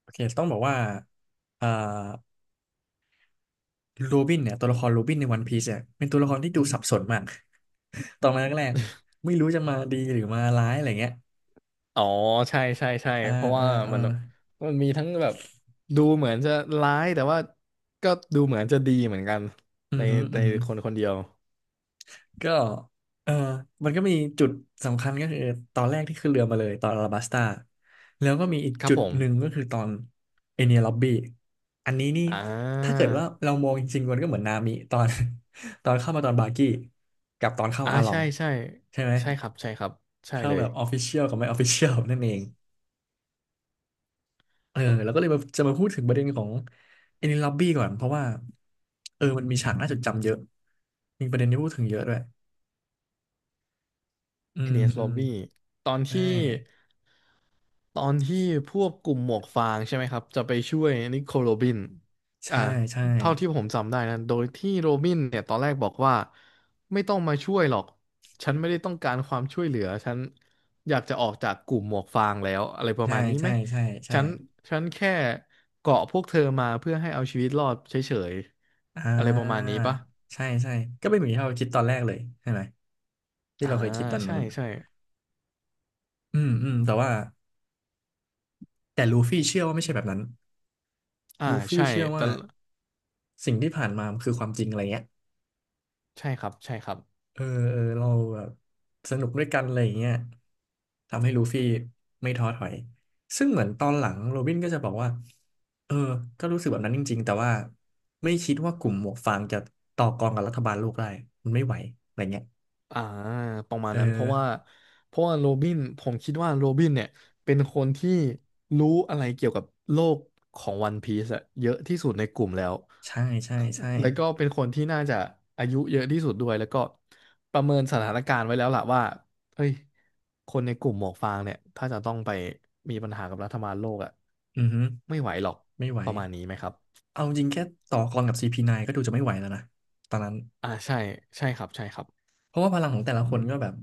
โอเคต้องบอกว่าอ่าโรบินเนี่ยตัวละครโรบินในวันพีซเนี่ยเป็นตัวละครที่ดูสับสนมาก ตอนแรกแรกไม่รู้จะมาดีหรือมาร้ายอะไรเงี้ยอ๋อใช่ใช่ใช่อ่าเพราะว่าอ่าอ่ามันมันมีทั้งแบบดูเหมือนจะร้ายแต่ว่าก็ดูเหมือนจะดีเหมือนกันอืในอหืออืในอหือคนคนเดียวก็เออมันก็มีจุดสำคัญก็คือตอนแรกที่ขึ้นเรือมาเลยตอนอาราบัสตาแล้วก็มีอีกครับจุดผมหนึ่งก็คือตอนเอเนียล็อบบี้อันนี้นี่อ่ถ้าาเกิดว่าเรามองจริงๆมันก็เหมือนนามิตอน ตอนเข้ามาตอนบาร์กี้กับตอนเข้าอ่าอาลอใช่งใช่ใช่ไหม ใช่ครับใช่ครับใช่เข้าเลแบยบออฟฟิเชียลกับไม่ออฟฟิเชียลนั่นเองแล้วก็เลยมาจะมาพูดถึงประเด็นของเอนิล็อบบี้ก่อนเพราะว่ามันมีฉากน่าจดจำเยอะมีประเด็นที่พูดถึงเยอะด้วยอืเอดมนี e s อืม Lobby ตอนใช่ที่ ตอนที่พวกกลุ่มหมวกฟางใช่ไหมครับจะไปช่วยนิโคลโรบินอ่าใช่ใช่เท่าที่ผมจำได้นะโดยที่โรบินเนี่ยตอนแรกบอกว่าไม่ต้องมาช่วยหรอกฉันไม่ได้ต้องการความช่วยเหลือฉันอยากจะออกจากกลุ่มหมวกฟางแล้วอะไรประใช่ มาณนี้ไหใช่ มใช่ใช่ฉันฉันแค่เกาะพวกเธอมาเพื่อให้เอาชีวิตรอดเฉยอ่ๆอะไรประมาณานี้ปะใช่ใช่ก็เป็นเหมือนที่เราคิดตอนแรกเลยใช่ไหมที่อ่าเราเคยคิดตอนนู้ใช่นใช่อืมอืมแต่ว่าแต่ลูฟี่เชื่อว่าไม่ใช่แบบนั้นอ่าลูฟี่ใช่เชื่อแต่ว่าสิ่งที่ผ่านมามันคือความจริงอะไรเงี้ย ใช่ครับใช่ครับ เออเออเราแบบสนุกด้วยกันอะไรอย่างเงี้ยทำให้ลูฟี่ไม่ท้อถอยซึ่งเหมือนตอนหลังโรบินก็จะบอกว่าเออก็รู้สึกแบบนั้นจริงๆแต่ว่าไม่คิดว่ากลุ่มหมวกฟางจะต่อกรกับรัฐบาลโลกได้มันไม่ไหวอะไรเงี้ยอ่าประมาณเอนั้นเพราะว่าอเพราะว่าโรบินผมคิดว่าโรบินเนี่ยเป็นคนที่รู้อะไรเกี่ยวกับโลกของวันพีซอะเยอะที่สุดในกลุ่มแล้วใช่ใช่ใช่แล้วก็เป็นคนที่น่าจะอายุเยอะที่สุดด้วยแล้วก็ประเมินสถานการณ์ไว้แล้วล่ะว่าเฮ้ยคนในกลุ่มหมวกฟางเนี่ยถ้าจะต้องไปมีปัญหากับรัฐบาลโลกอะอือฮึไม่ไหวหรอกไม่ไหวประมาณนี้ไหมครับเอาจริงแค่ต่อกรกับ CP9 ก็ดูจะไม่ไหวแล้วนะตอนนั้นอ่าใช่ใช่ครับใช่ครับ เพราะว่าพลังของแต่ละคนก็แบบ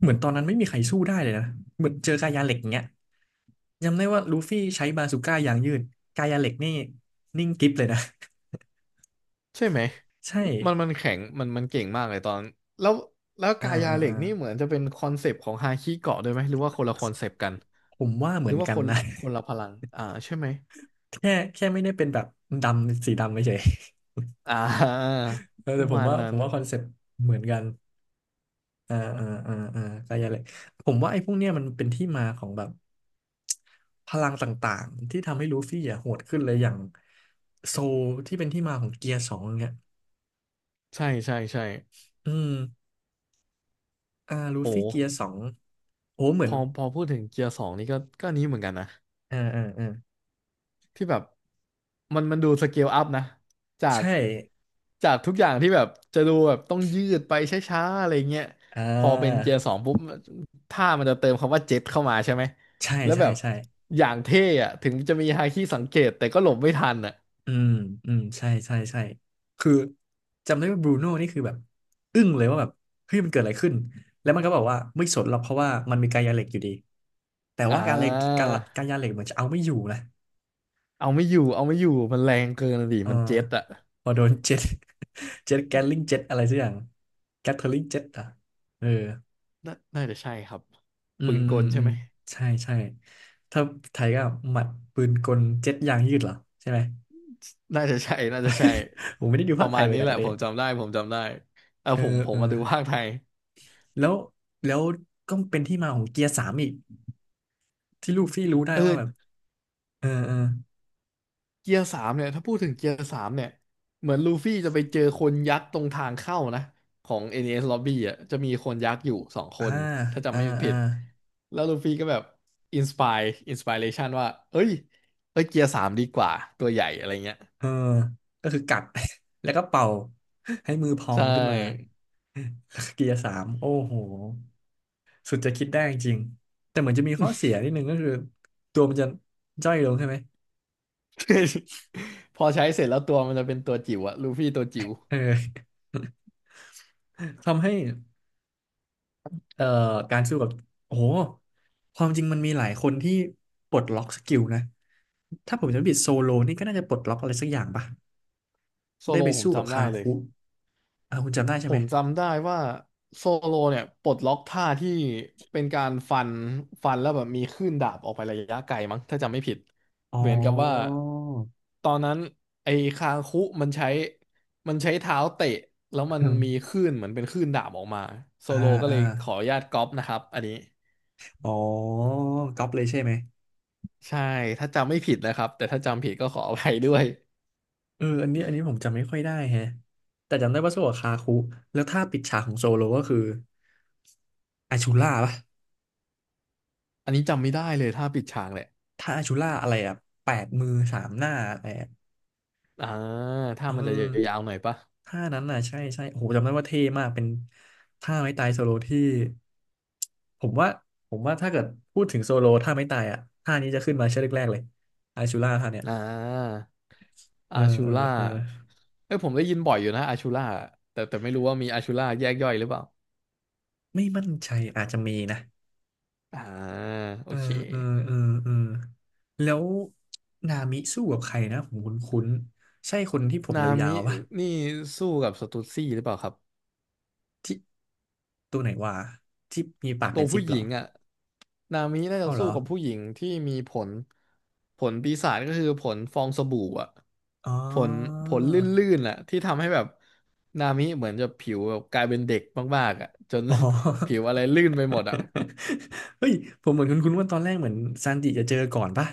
เหมือนตอนนั้นไม่มีใครสู้ได้เลยนะเหมือนเจอกายาเหล็กอย่างเงี้ย จำได้ว่าลูฟี่ใช้บาซูก้ายางยืดกายาเหล็กนี่นิ่งกริบเลยนะ ใช่ไหม ใช่มันแข็งมันเก่งมากเลยตอนแล้วแล้วอ่ากายาอ่าเหล็อ่ากนี่เหมือนจะเป็นคอนเซปต์ของฮาคิเกาะด้วยไหมหรือว่าคนละคอนเซปต์กันผมว่าเหหมืรืออนว่ากัคนนนะ คนละพลังอ่าใช่ไหม แค่ไม่ได้เป็นแบบดำสีดำไม่ใช่ อ่า เอ อปแต่ระผมมาณว่านั้ผนมว่าคอนเซ็ปต์เหมือนกันอ่าอ่าอ่าอ่ากายาเหล็กผมว่าไอ้พวกเนี้ยมันเป็นที่มาของแบบพลังต่างๆที่ทำให้ลูฟี่อ่ะโหดขึ้นเลยอย่างโซลที่เป็นที่มาของเกียร์สองเนี่ยใช่ใช่ใช่อืมลูโหฟี่เกียร์สองโอ้เหมืพอนอพอพูดถึงเกียร์สองนี่ก็อันนี้เหมือนกันนะ อ่าอ่าอ่าที่แบบมันดูสเกลอัพนะจากใช่ จากทุกอย่างที่แบบจะดูแบบต้องยืดไปช้าๆอะไรเงี้ยอ่พอเป็นาเกียร์สองปุ๊บท่ามันจะเติมคำว่าเจ็ตเข้ามาใช่ไหมใช่แล้วใช่แบบใช่อย่างเท่อะถึงจะมีฮาคิสังเกตแต่ก็หลบไม่ทันอะอืมอืมใช่ใช่ใช่คือจำได้ว่าบรูโน่นี่คือแบบอึ้งเลยว่าแบบเฮ้ยมันเกิดอะไรขึ้นแล้วมันก็บอกว่าไม่สนหรอกเพราะว่ามันมีกายาเหล็กอยู่ดีแต่อ่ว่าากายาเหล็กเหมือนจะเอาไม่อยู่นะเอาไม่อยู่เอาไม่อยู่มันแรงเกินอะดิเออมันเจ็ตอะพอโดน เจ็ต เจ็ตแกลลิงเจ็ตอะไรสักอย่างแกทเทอริงเจ็ตอ่ะเออน่าจะใช่ครับอืปืมนกอืมลใช่อืมไหมใช่ใช่ถ้าไทยก็หมัดปืนกลเจ็ตยางยืดเหรอใช่ไหม น่าจะใช่น่าจะใช่ ผมไม่ได้ดูปภาระคไทมายณเลยนี้กันแหอัละนนี้ ผมจำได้ผมจำได้เออเออผมเออมาดูภาคไทยแล้วแล้วก็เป็นที่มาของเกียร์สามอีกที่ลูฟี่รู้ได้เออ ว่าแบบเออเออเกียร์สามเนี่ยถ้าพูดถึงเกียร์สามเนี่ยเหมือนลูฟี่จะไปเจอคนยักษ์ตรงทางเข้านะของ NES Lobby อ่ะจะมีคนยักษ์อยู่สองคอ่านถ้าจำอ่าไม่อ่าผิดแล้วลูฟี่ก็แบบอินสปายอินสป r เ t ชันว่าเอ้ยเอ้ยเกียร์สามดีกว่าตัวใหญ่อะไรเงี้ยเออก็คือกัด แล้วก็เป่าให้มือพอใชงขึ้นมา่ เกียร์สามโอ้โหสุดจะคิดได้จริงแต่เหมือนจะมีข้อเสียนิดนึงก็คือตัวมันจะย่อยลงใช่ไหม พอใช้เสร็จแล้วตัวมันจะเป็นตัวจิ๋วอะลูฟี่ตัวจิ๋วเออ ทำให้ เอ่อการสู้กับโอ้โหความจริงมันมีหลายคนที่ปลดล็อกสกิลนะถ้าผมจำไม่ผิดโซโลนี่ก็น่าจะปลดล็อกอะไรสักอย่างปะโซได้โลไปผมสู้กับจำได้คาเลย คุอ่าคุณจำได้ใช่ผไหมมจำได้ว่าโซโลเนี่ยปลดล็อกท่าที่เป็นการฟันฟันแล้วแบบมีคลื่นดาบออกไประยะไกลมั้งถ้าจำไม่ผิดอ๋อ เหมือนกับว่าตอนนั้นไอ้คางคุมันใช้มันใช้เท้าเตะแล้วมัน มีคลื่นเหมือนเป็นคลื่นดาบออกมาโซอ่าโลก็อ่าเลยขออนุญาตก๊อปนะครับอันนี้อ๋อก๊อปเลยใช่ไหมใช่ถ้าจำไม่ผิดนะครับแต่ถ้าจำผิดก็ขออภัยด้วยเอออันนี้ผมจำไม่ค่อยได้แฮะแต่จำได้ว่าสู้กับคาคุแล้วถ้าปิดฉากของโซโลก็คืออาชูล่าปะอันนี้จำไม่ได้เลยท่าปิดฉากแหละถ้าอาชูล่าอะไรอะแปดมือสามหน้าอะไรอะ อ่าถ้าเออมันจะยาวๆหน่อยปะท่านั้นน่ะใช่ใช่โอ้โหจำได้ว่าเท่มากเป็นท่าไม้ตายโซโลที่ผมว่าผมว่าถ้าเกิดพูดถึงโซโลท่าไม้ตายอ่ะท่านี้จะขึ้นมาชื่อแรกๆเลยอาชูล่าท่าเนี่ยอ่า เออาอชูเออล่าเออเอ้ยผมได้ยินบ่อยอยู่นะอาชูล่าแต่ไม่รู้ว่ามีอาชูล่าแยกย่อยหรือเปล่าไม่มั่นใจอาจจะมีนะอ่าโอเออเคเออเออเออแล้วนามิสู้กับใครนะผมคุ้นๆใช่คนที่ผมนายามิวๆป่ะนี่สู้กับสตูดซี่หรือเปล่าครับ ที่ตัวไหนวะที่มีปากตัเป็วนซิผู้ปหเหรญิองอ่ะนามิน่าจะเข้าเหรสู้อกับผู้หญิงที่มีผลผลปีศาจก็คือผลฟองสบู่อ่ะอ๋ผลอผลลื่นๆอ่ะที่ทำให้แบบนามิเหมือนจะผิวแบบกลายเป็นเด็กมากๆอ่ะจน อ๋ ผิอ วอะไรลื่นไปหมดอ่ะ เฮ้ยผมเหมือนคุณว่าตอนแรกเหมือนซันจิจะเจอก่อนป่ะ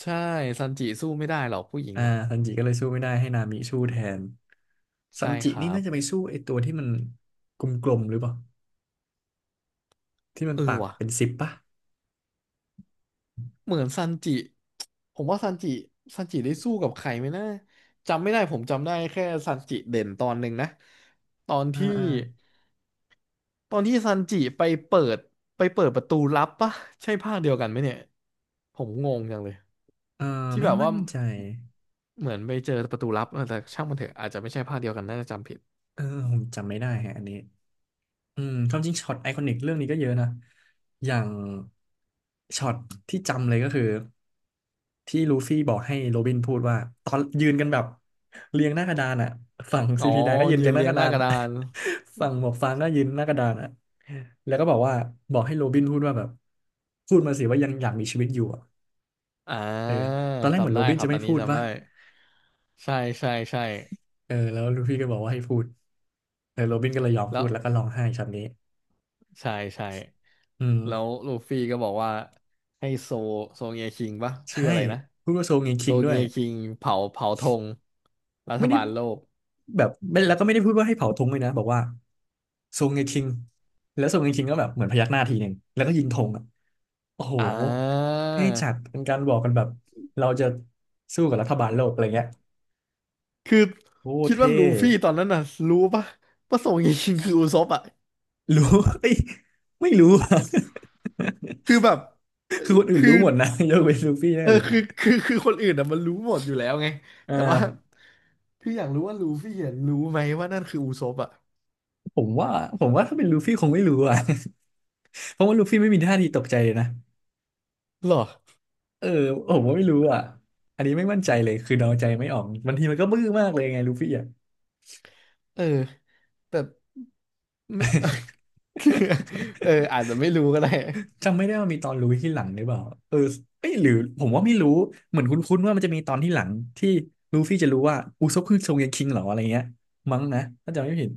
ใช่ซันจิสู้ไม่ได้หรอกผู้หญิงอ่าอ่ะซันจิก็เลยสู้ไม่ได้ให้นามิสู้แทนซัใช่นจิครันี่บ น่าจะไปสู้ไอ้ตัวที่มันกลมๆหรือเปล่าที่มันเออปากว่ะเป็นสิบป่ะเหมือนซันจิผมว่าซันจิได้สู้กับใครไหมนะจำไม่ได้ผมจำได้แค่ซันจิเด่นตอนหนึ่งนะตอนอ่าที่อ่าตอนที่ซันจิเปิดไปเปิดประตูลับปะใช่ภาคเดียวกันไหมเนี่ยผมงงจังเลยเออที่ไม่แบบว่ามั่นใจเหมือนไปเจอประตูลับเออแต่ช่างมันเถอะอาจจะไม่ใช่ภาคเดียวกันน่าจะจำผิดเออผมจำไม่ได้ฮะอันนี้ อืม ความจริงช็อตไอคอนิกเรื่องนี้ก็เยอะนะอย่างช็อตที่จำเลยก็คือที่ลูฟี่บอกให้โรบินพูดว่าตอนยืนกันแบบเรียงหน้ากระดานอ่ะฝั่งอ๋ซีอพีไนก็ยืนยืเรียนงหน้าเรียกงระหดาน้าน กระดาน ฝั่งหมวกฟางก็ยืนหน้ากระดานอ่ะแล้วก็บอกว่าบอกให้โรบินพูดว่าแบบพูดมาสิว่ายังอยากมีชีวิตอยู่อ่ะอ่เออาตอนแรกเหมือนจำโรได้บินครัจะบไม่อันนี้พูดจำว่าได้ใช่ใช่ใช่เออแล้วลูฟี่ก็บอกว่าให้พูดเออโรบินก็เลยยอมพูแล้ว ดแล้วก็ร้องไห้ช็อตนี้ใช่ใช่อืแล้วมลูฟี่ก็บอกว่าให้โซเงียคิงปะชื่อใช่อะไรนะพูดว่าโซงเงโซคิงด้วเงียยคิงเผาธงรัฐไม่ได้ บาลโลกแบบไม่แล้วก็ไม่ได้พูดว่าให้เผาธงเลยนะบอกว่าทรงไงคิงแล้วทรงไงคิงก็แบบเหมือนพยักหน้าทีหนึ่งแล้วก็ยิงธงอ่ะโอ้โหอ่าเท่จัดเป็นการบอกกันแบบเราจะสู้กับรัฐบาลโลกอะไรเงี้ยคือโอ้คิดว่าเท่ลูฟี่ตอนนั้นน่ะรู้ปะว่าโซเงียคิงคืออุซปอ่ะรู้ เอ้ยไม่รู้อะ คือแบบ คือคนอื่นคืรู้อหมดนะยกเว้นลูฟี่แน่เออเลยคือะอคือคือคนอื่นอ่ะมันรู้หมดอยู่แล้วไงอ่แต่ว่าาคืออยากรู้ว่าลูฟี่เห็นรู้ไหมว่านั่นคืออุซปอ่ะผมว่าผมว่าถ้าเป็นลูฟี่คงไม่รู้อ่ะ เพราะว่าลูฟี่ไม่มีท่าทีตกใจเลยนะหรอเออผมว่าไม่รู้อ่ะอันนี้ไม่มั่นใจเลยคือเดาใจไม่ออกบางทีมันก็บื้อมากเลยไงลูฟี่อ่ะ เออแต่ไม่ เอออาจจะไม่รู้ก็ได้จำไม่ได้ว่ามีตอนรู้ที่หลังหรือเปล่าเออเอ้ยหรือผมว่าไม่รู้ เหมือนคุ้นๆว่ามันจะมีตอนที่หลังที่ลูฟี่จะรู้ว่าอุซปคือทรงเรียนคิงเหรออะไรเงี้ยมั้งนะถ้าจำไม่ผิด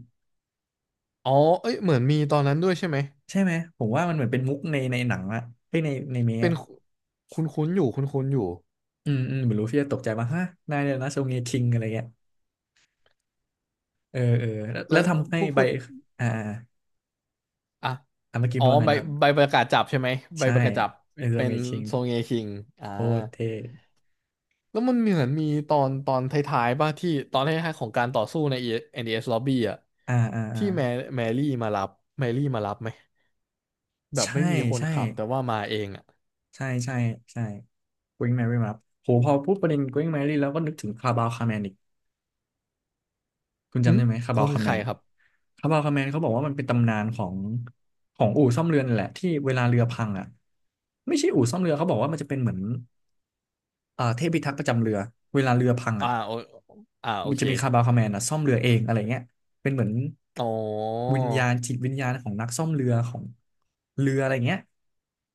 อ๋อเอ้ยเหมือนมีตอนนั้นด้วยใช่ไหม ใช่ไหมผมว่ามันเหมือนเป็นมุกในหนังอะเอ้ยในเมะเป็นอะคุ้นคุ้นๆอยู่คุ้นคุ้นอยู่อืมอืมเหมือนลูฟี่จะตกใจว่าฮะนายเนี่ยนะทรงเรียนคิงอะไรเงี้ยเออเออแล้วแล้แล้ววทำให้พูดใบพูดอ่าอ่าอ่ะอ่าเมื่อกี้อ๋อพูดว่าไงใบนะครับใบประกาศจับใช่ไหมใบใช่ประกาศจับเป็นทรเป็งนเรียนคิงโซเงคิงอ่าโคตรเท่แล้วมันเหมือนมีตอนท้ายๆป่ะที่ตอนท้ายๆของการต่อสู้ใน NDS Lobby อ่ะอ่าอ่าอ่าที่แมรี่มารับไหมแบบใช่ไม่มีคนใช่ ขับแต่ว่ามาเองอ่ะใช่ใช่ใช่ Going Merry มารับโหพอพูดประเด็น Going Merry แล้วก็นึกถึงคาบาวคาแมนอีกคุณอืจำมได้ไหมคาบาเขาวคืคาอใคแมรนครับคาบาวคาแมนเขาบอกว่ามันเป็นตำนานของอู่ซ่อมเรือนั่นแหละที่เวลาเรือพังอ่ะไม่ใช่อู่ซ่อมเรือเขาบอกว่ามันจะเป็นเหมือนเทพพิทักษ์ประจำเรือเวลาเรือพังอ่าอ่ะโออ่าโอมันเคจะมีคาบาวคาแมนอ่ะซ่อมเรือเองอะไรเงี้ยเป็นเหมือนอ๋อ วิญญาณจิตวิญญาณของนักซ่อมเรือของเรืออะไรเงี้ย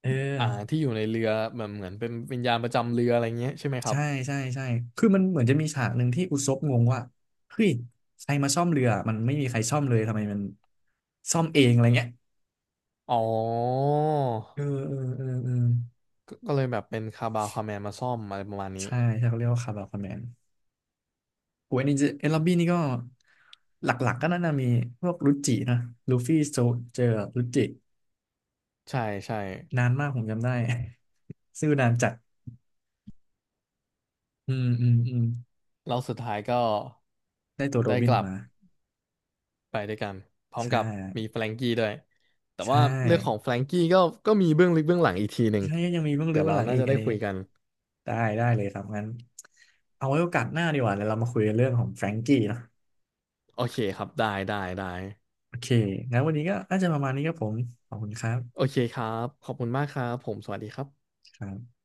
เออ อ่าที่อยู่ในเรือแบบเหมือนเป็นวิญญาณประจำเรืออะไรเงี้ยใช่ไหมครัใช่บใช่ใช่คือมันเหมือนจะมีฉากหนึ่งที่อุซบงงว่าเฮ้ยใครมาซ่อมเรือมันไม่มีใครซ่อมเลยทำไมมันซ่อมเองอะไรเงี้ยอ๋อเออเออเออเออก็เลยแบบเป็นคาบาวคาแมนมาซ่อมอะไรประมาณนี้ใช่ใช่เขาเรียกว่าคาบาคอมแมนโอ้ยอันนี้จะเอลลอบบี้นี่ก็หลักๆก็น่าจะมีพวกรุจินะลูฟี่โซเจอรุจิใช่ใช่นานมากผมจำได้ ซื่อนานจัดอืมอืมอืมแล้วสุดท้ายก็ได้ตัวโรได้บิกนลับมาไปด้วยกันพร้อมใช่กับมีแฟรงกี้ด้วยแต่ใช่ว่าเรื่องของแฟรงกี้ก็มีเบื้องลึกเบื้องหลังอีกทีหนึ่งใช่ยังมีเบื้องลึเดี๋กยวเบื้อเรางหลังน่าอีกจะอัได้นนี้ คุยกันได้ได้เลยครับงั้นเอาไว้โอกาสหน้าดีกว่าเดี๋ยวเรามาคุยกันเรื่องของแฟรงกี้เนอะโอเคครับได้ได้ได้โอเคงั้นวันนี้ก็น่าจะประมาณนี้ครับผมขอบคุณครัโอบเคครับขอบคุณมากครับผมสวัสดีครับครับ